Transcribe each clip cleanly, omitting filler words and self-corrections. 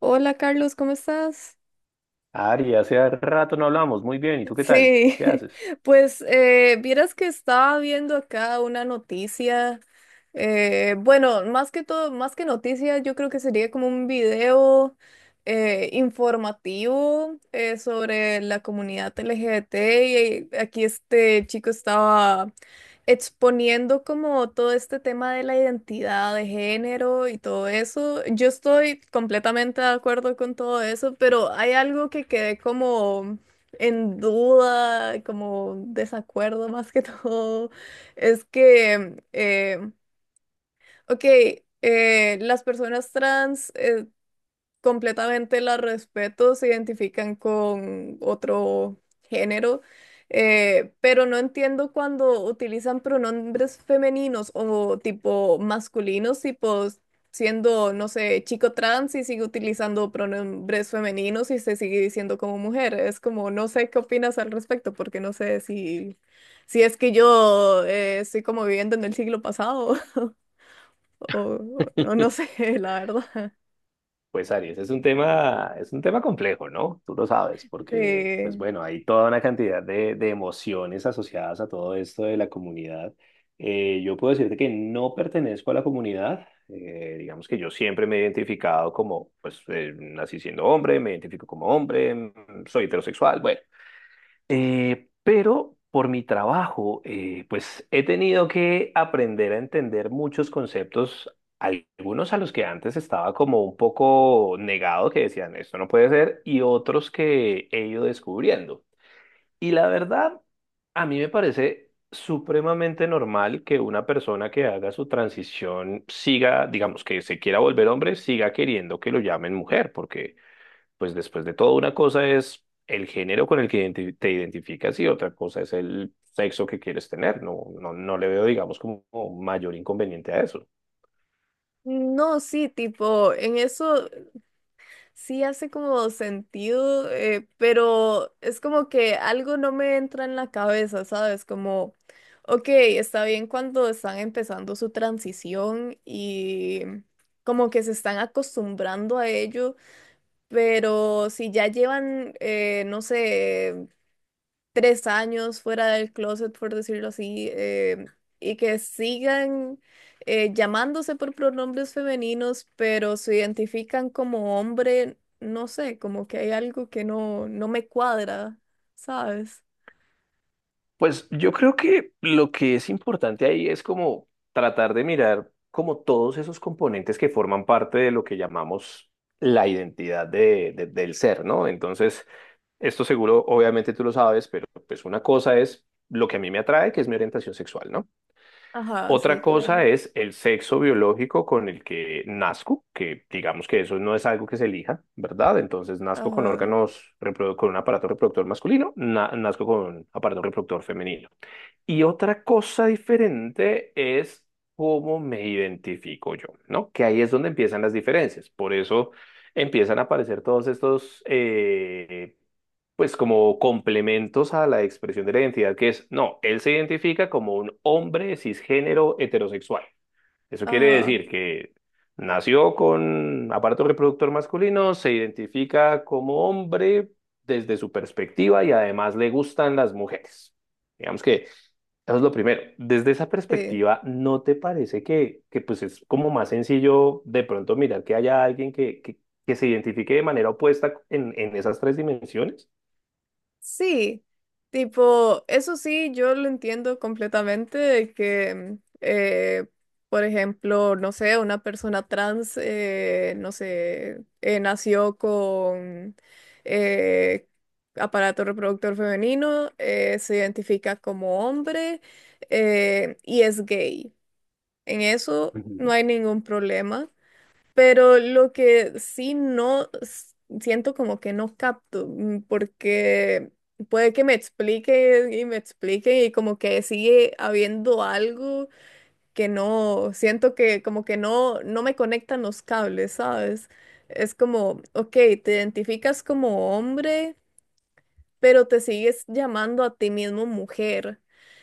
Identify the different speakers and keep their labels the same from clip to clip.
Speaker 1: Hola Carlos, ¿cómo estás?
Speaker 2: Ari, hace rato no hablamos. Muy bien, ¿y tú qué tal?
Speaker 1: Sí,
Speaker 2: ¿Qué haces?
Speaker 1: pues vieras que estaba viendo acá una noticia, bueno, más que todo, más que noticia, yo creo que sería como un video informativo sobre la comunidad LGBT y aquí este chico estaba exponiendo como todo este tema de la identidad de género y todo eso. Yo estoy completamente de acuerdo con todo eso, pero hay algo que quedé como en duda, como desacuerdo más que todo, es que, eh, ok, las personas trans completamente la respeto, se identifican con otro género, pero no entiendo cuando utilizan pronombres femeninos o tipo masculinos, tipo siendo, no sé, chico trans y sigue utilizando pronombres femeninos y se sigue diciendo como mujer. Es como, no sé qué opinas al respecto, porque no sé si, si es que yo estoy como viviendo en el siglo pasado o, o no sé, la verdad.
Speaker 2: Pues Aries, es un tema complejo, ¿no? Tú lo sabes, porque, pues
Speaker 1: Sí.
Speaker 2: bueno, hay toda una cantidad de emociones asociadas a todo esto de la comunidad. Yo puedo decirte que no pertenezco a la comunidad. Digamos que yo siempre me he identificado como, pues, nací siendo hombre, me identifico como hombre, mm, soy heterosexual, bueno. Pero por mi trabajo, pues he tenido que aprender a entender muchos conceptos, algunos a los que antes estaba como un poco negado, que decían, esto no puede ser, y otros que he ido descubriendo. Y la verdad, a mí me parece supremamente normal que una persona que haga su transición siga, digamos, que se quiera volver hombre, siga queriendo que lo llamen mujer, porque pues después de todo, una cosa es el género con el que te identificas y otra cosa es el sexo que quieres tener. No, no, no le veo, digamos, como mayor inconveniente a eso.
Speaker 1: No, sí, tipo, en eso sí hace como sentido, pero es como que algo no me entra en la cabeza, ¿sabes? Como, ok, está bien cuando están empezando su transición y como que se están acostumbrando a ello, pero si ya llevan, no sé, tres años fuera del closet, por decirlo así, y que sigan llamándose por pronombres femeninos, pero se identifican como hombre, no sé, como que hay algo que no me cuadra, ¿sabes?
Speaker 2: Pues yo creo que lo que es importante ahí es como tratar de mirar como todos esos componentes que forman parte de lo que llamamos la identidad del ser, ¿no? Entonces, esto seguro, obviamente tú lo sabes, pero pues una cosa es lo que a mí me atrae, que es mi orientación sexual, ¿no?
Speaker 1: Ajá, sí,
Speaker 2: Otra cosa
Speaker 1: claro.
Speaker 2: es el sexo biológico con el que nazco, que digamos que eso no es algo que se elija, ¿verdad? Entonces nazco con
Speaker 1: Ajá,
Speaker 2: órganos, con un aparato reproductor masculino, nazco con un aparato reproductor femenino. Y otra cosa diferente es cómo me identifico yo, ¿no? Que ahí es donde empiezan las diferencias. Por eso empiezan a aparecer todos estos, pues como complementos a la expresión de la identidad, que es, no, él se identifica como un hombre cisgénero heterosexual. Eso quiere
Speaker 1: ajá,
Speaker 2: decir que nació con aparato reproductor masculino, se identifica como hombre desde su perspectiva y además le gustan las mujeres. Digamos que... Eso es lo primero. Desde esa
Speaker 1: sí.
Speaker 2: perspectiva, ¿no te parece que pues es como más sencillo de pronto mirar que haya alguien que se identifique de manera opuesta en esas tres dimensiones?
Speaker 1: Sí, tipo, eso sí, yo lo entiendo completamente, de que, por ejemplo, no sé, una persona trans, no sé, nació con eh, aparato reproductor femenino, se identifica como hombre y es gay. En eso
Speaker 2: Ujú.
Speaker 1: no hay ningún problema. Pero lo que sí no s- siento como que no capto, porque puede que me explique y como que sigue habiendo algo que no, siento que como que no, no me conectan los cables, ¿sabes? Es como, ok, te identificas como hombre pero te sigues llamando a ti mismo mujer.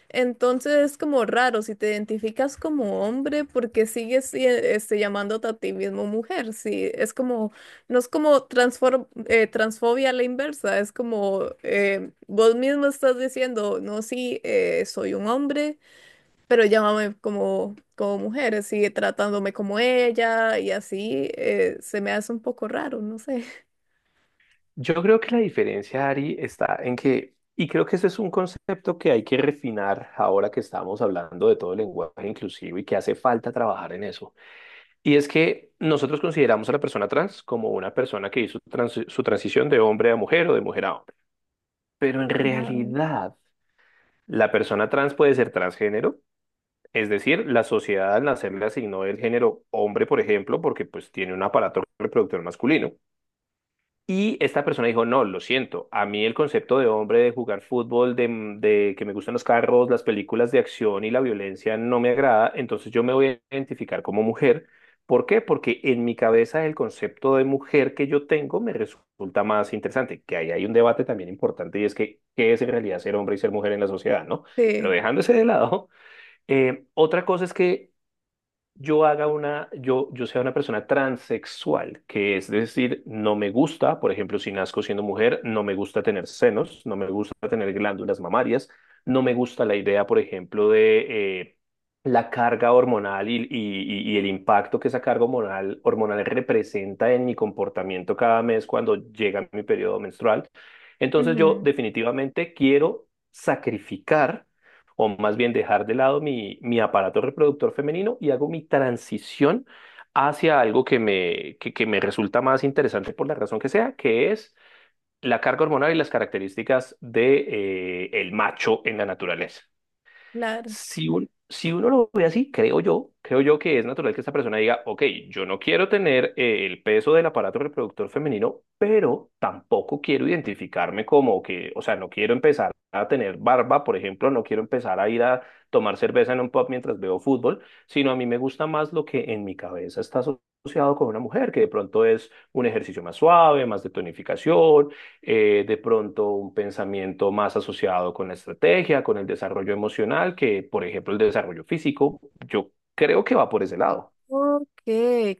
Speaker 1: Entonces es como raro si te identificas como hombre porque sigues llamándote a ti mismo mujer. Sí, es como, no es como transfobia a la inversa, es como vos mismo estás diciendo, no, sí, soy un hombre, pero llámame como, como mujer, sigue tratándome como ella y así se me hace un poco raro, no sé.
Speaker 2: Yo creo que la diferencia, Ari, está en que, y creo que ese es un concepto que hay que refinar ahora que estamos hablando de todo el lenguaje inclusivo y que hace falta trabajar en eso. Y es que nosotros consideramos a la persona trans como una persona que hizo su transición de hombre a mujer o de mujer a hombre. Pero en
Speaker 1: Ajá.
Speaker 2: realidad, la persona trans puede ser transgénero, es decir, la sociedad al nacer le asignó el género hombre, por ejemplo, porque pues tiene un aparato reproductor masculino. Y esta persona dijo, no, lo siento, a mí el concepto de hombre, de jugar fútbol, de, mm, de que me gustan los carros, las películas de acción y la violencia no me agrada, entonces yo me voy a identificar como mujer. ¿Por qué? Porque en mi cabeza el concepto de mujer que yo tengo me resulta más interesante, que ahí hay un debate también importante y es que qué es en realidad ser hombre y ser mujer en la sociedad, ¿no? Pero
Speaker 1: Sí,
Speaker 2: dejándose de lado, otra cosa es que yo haga una, yo sea una persona transexual, que es decir, no me gusta, por ejemplo, si nazco siendo mujer, no me gusta tener senos, no me gusta tener glándulas mamarias, no me gusta la idea, por ejemplo, de la carga hormonal y el impacto que esa carga hormonal, hormonal representa en mi comportamiento cada mes cuando llega mi periodo menstrual. Entonces yo
Speaker 1: ujú,
Speaker 2: definitivamente quiero sacrificar o más bien dejar de lado mi aparato reproductor femenino y hago mi transición hacia algo que me resulta más interesante por la razón que sea, que es la carga hormonal y las características de, el macho en la naturaleza.
Speaker 1: claro.
Speaker 2: Si, si uno lo ve así, creo yo que es natural que esta persona diga, ok, yo no quiero tener el peso del aparato reproductor femenino, pero tampoco quiero identificarme como que, o sea, no quiero empezar a tener barba, por ejemplo, no quiero empezar a ir a tomar cerveza en un pub mientras veo fútbol, sino a mí me gusta más lo que en mi cabeza está asociado con una mujer, que de pronto es un ejercicio más suave, más de tonificación, de pronto un pensamiento más asociado con la estrategia, con el desarrollo emocional, que por ejemplo el desarrollo físico, yo creo que va por ese lado.
Speaker 1: Ok,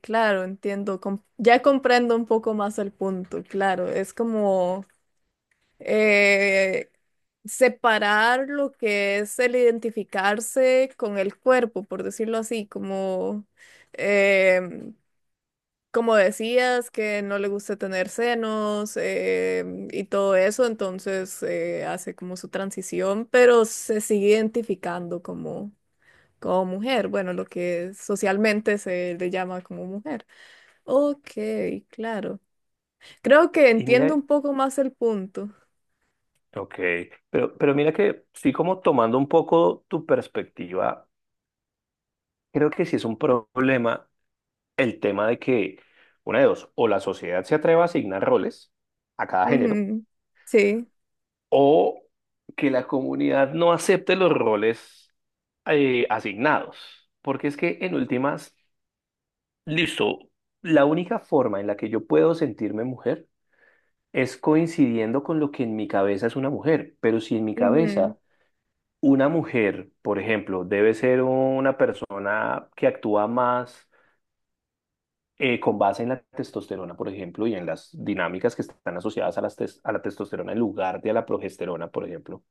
Speaker 1: claro, entiendo. Ya comprendo un poco más el punto, claro. Es como eh, separar lo que es el identificarse con el cuerpo, por decirlo así, como, em, como decías, que no le gusta tener senos y todo eso, entonces hace como su transición, pero se sigue identificando como, como mujer, bueno, lo que socialmente se le llama como mujer. Ok, claro. Creo que
Speaker 2: Y
Speaker 1: entiendo
Speaker 2: mira,
Speaker 1: un poco más el punto.
Speaker 2: ok, pero mira que sí como tomando un poco tu perspectiva, creo que sí es un problema el tema de que, una de dos, o la sociedad se atreva a asignar roles a cada género,
Speaker 1: Ujú, sí.
Speaker 2: o que la comunidad no acepte los roles asignados. Porque es que en últimas listo. La única forma en la que yo puedo sentirme mujer es coincidiendo con lo que en mi cabeza es una mujer. Pero si en mi
Speaker 1: Ujú,
Speaker 2: cabeza una mujer, por ejemplo, debe ser una persona que actúa más con base en la testosterona, por ejemplo, y en las dinámicas que están asociadas a, a la testosterona en lugar de a la progesterona, por ejemplo,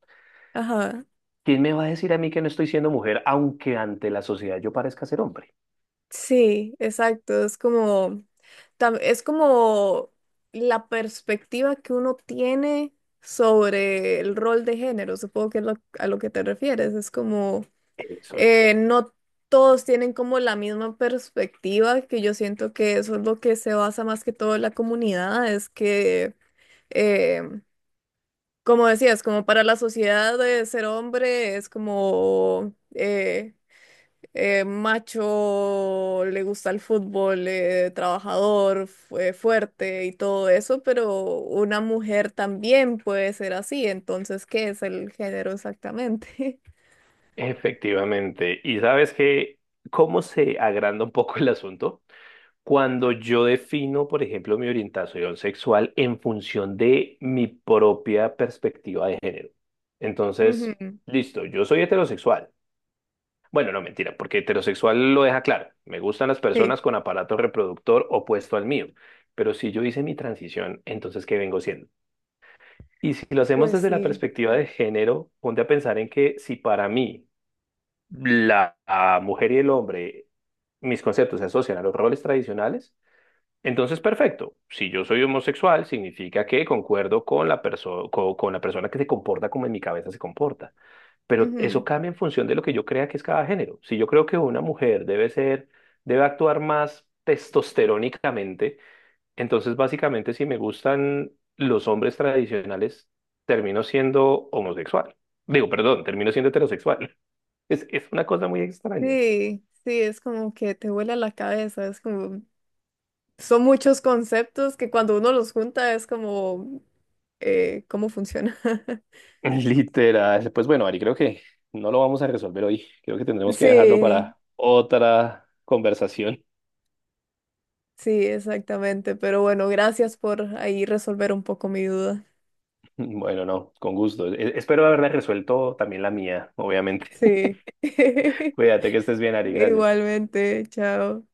Speaker 1: ajá.
Speaker 2: ¿quién me va a decir a mí que no estoy siendo mujer, aunque ante la sociedad yo parezca ser hombre?
Speaker 1: Sí, exacto. Es como, es como la perspectiva que uno tiene sobre el rol de género. Supongo que es a lo que te refieres. Es como,
Speaker 2: Eso es.
Speaker 1: no todos tienen como la misma perspectiva, que yo siento que eso es lo que se basa más que todo en la comunidad. Es que... eh, como decías, como para la sociedad de ser hombre es como macho, le gusta el fútbol, trabajador, fuerte y todo eso, pero una mujer también puede ser así, entonces, ¿qué es el género exactamente?
Speaker 2: Efectivamente. Y sabes que, ¿cómo se agranda un poco el asunto? Cuando yo defino, por ejemplo, mi orientación sexual en función de mi propia perspectiva de género. Entonces,
Speaker 1: Ujú,
Speaker 2: listo, yo soy heterosexual. Bueno, no, mentira, porque heterosexual lo deja claro. Me gustan las
Speaker 1: sí,
Speaker 2: personas con aparato reproductor opuesto al mío. Pero si yo hice mi transición, entonces, ¿qué vengo siendo? Y si lo hacemos
Speaker 1: pues
Speaker 2: desde la
Speaker 1: sí.
Speaker 2: perspectiva de género, ponte a pensar en que si para mí la mujer y el hombre, mis conceptos se asocian a los roles tradicionales, entonces perfecto. Si yo soy homosexual, significa que concuerdo con con la persona que se comporta como en mi cabeza se comporta. Pero eso
Speaker 1: Ujú,
Speaker 2: cambia en función de lo que yo crea que es cada género. Si yo creo que una mujer debe ser, debe actuar más testosterónicamente, entonces básicamente si me gustan los hombres tradicionales, termino siendo homosexual. Digo, perdón, termino siendo heterosexual. Es una cosa muy extraña.
Speaker 1: sí, sí, es como que te vuela la cabeza, es como... son muchos conceptos que cuando uno los junta es como, ¿cómo funciona?
Speaker 2: Literal. Pues bueno, Ari, creo que no lo vamos a resolver hoy. Creo que tendremos que dejarlo
Speaker 1: Sí,
Speaker 2: para otra conversación.
Speaker 1: sí, exactamente. Pero bueno, gracias por ahí resolver un poco mi duda.
Speaker 2: Bueno, no, con gusto. Espero haberla resuelto también la mía, obviamente.
Speaker 1: Sí.
Speaker 2: Cuídate que estés bien, Ari. Gracias.
Speaker 1: Igualmente, chao.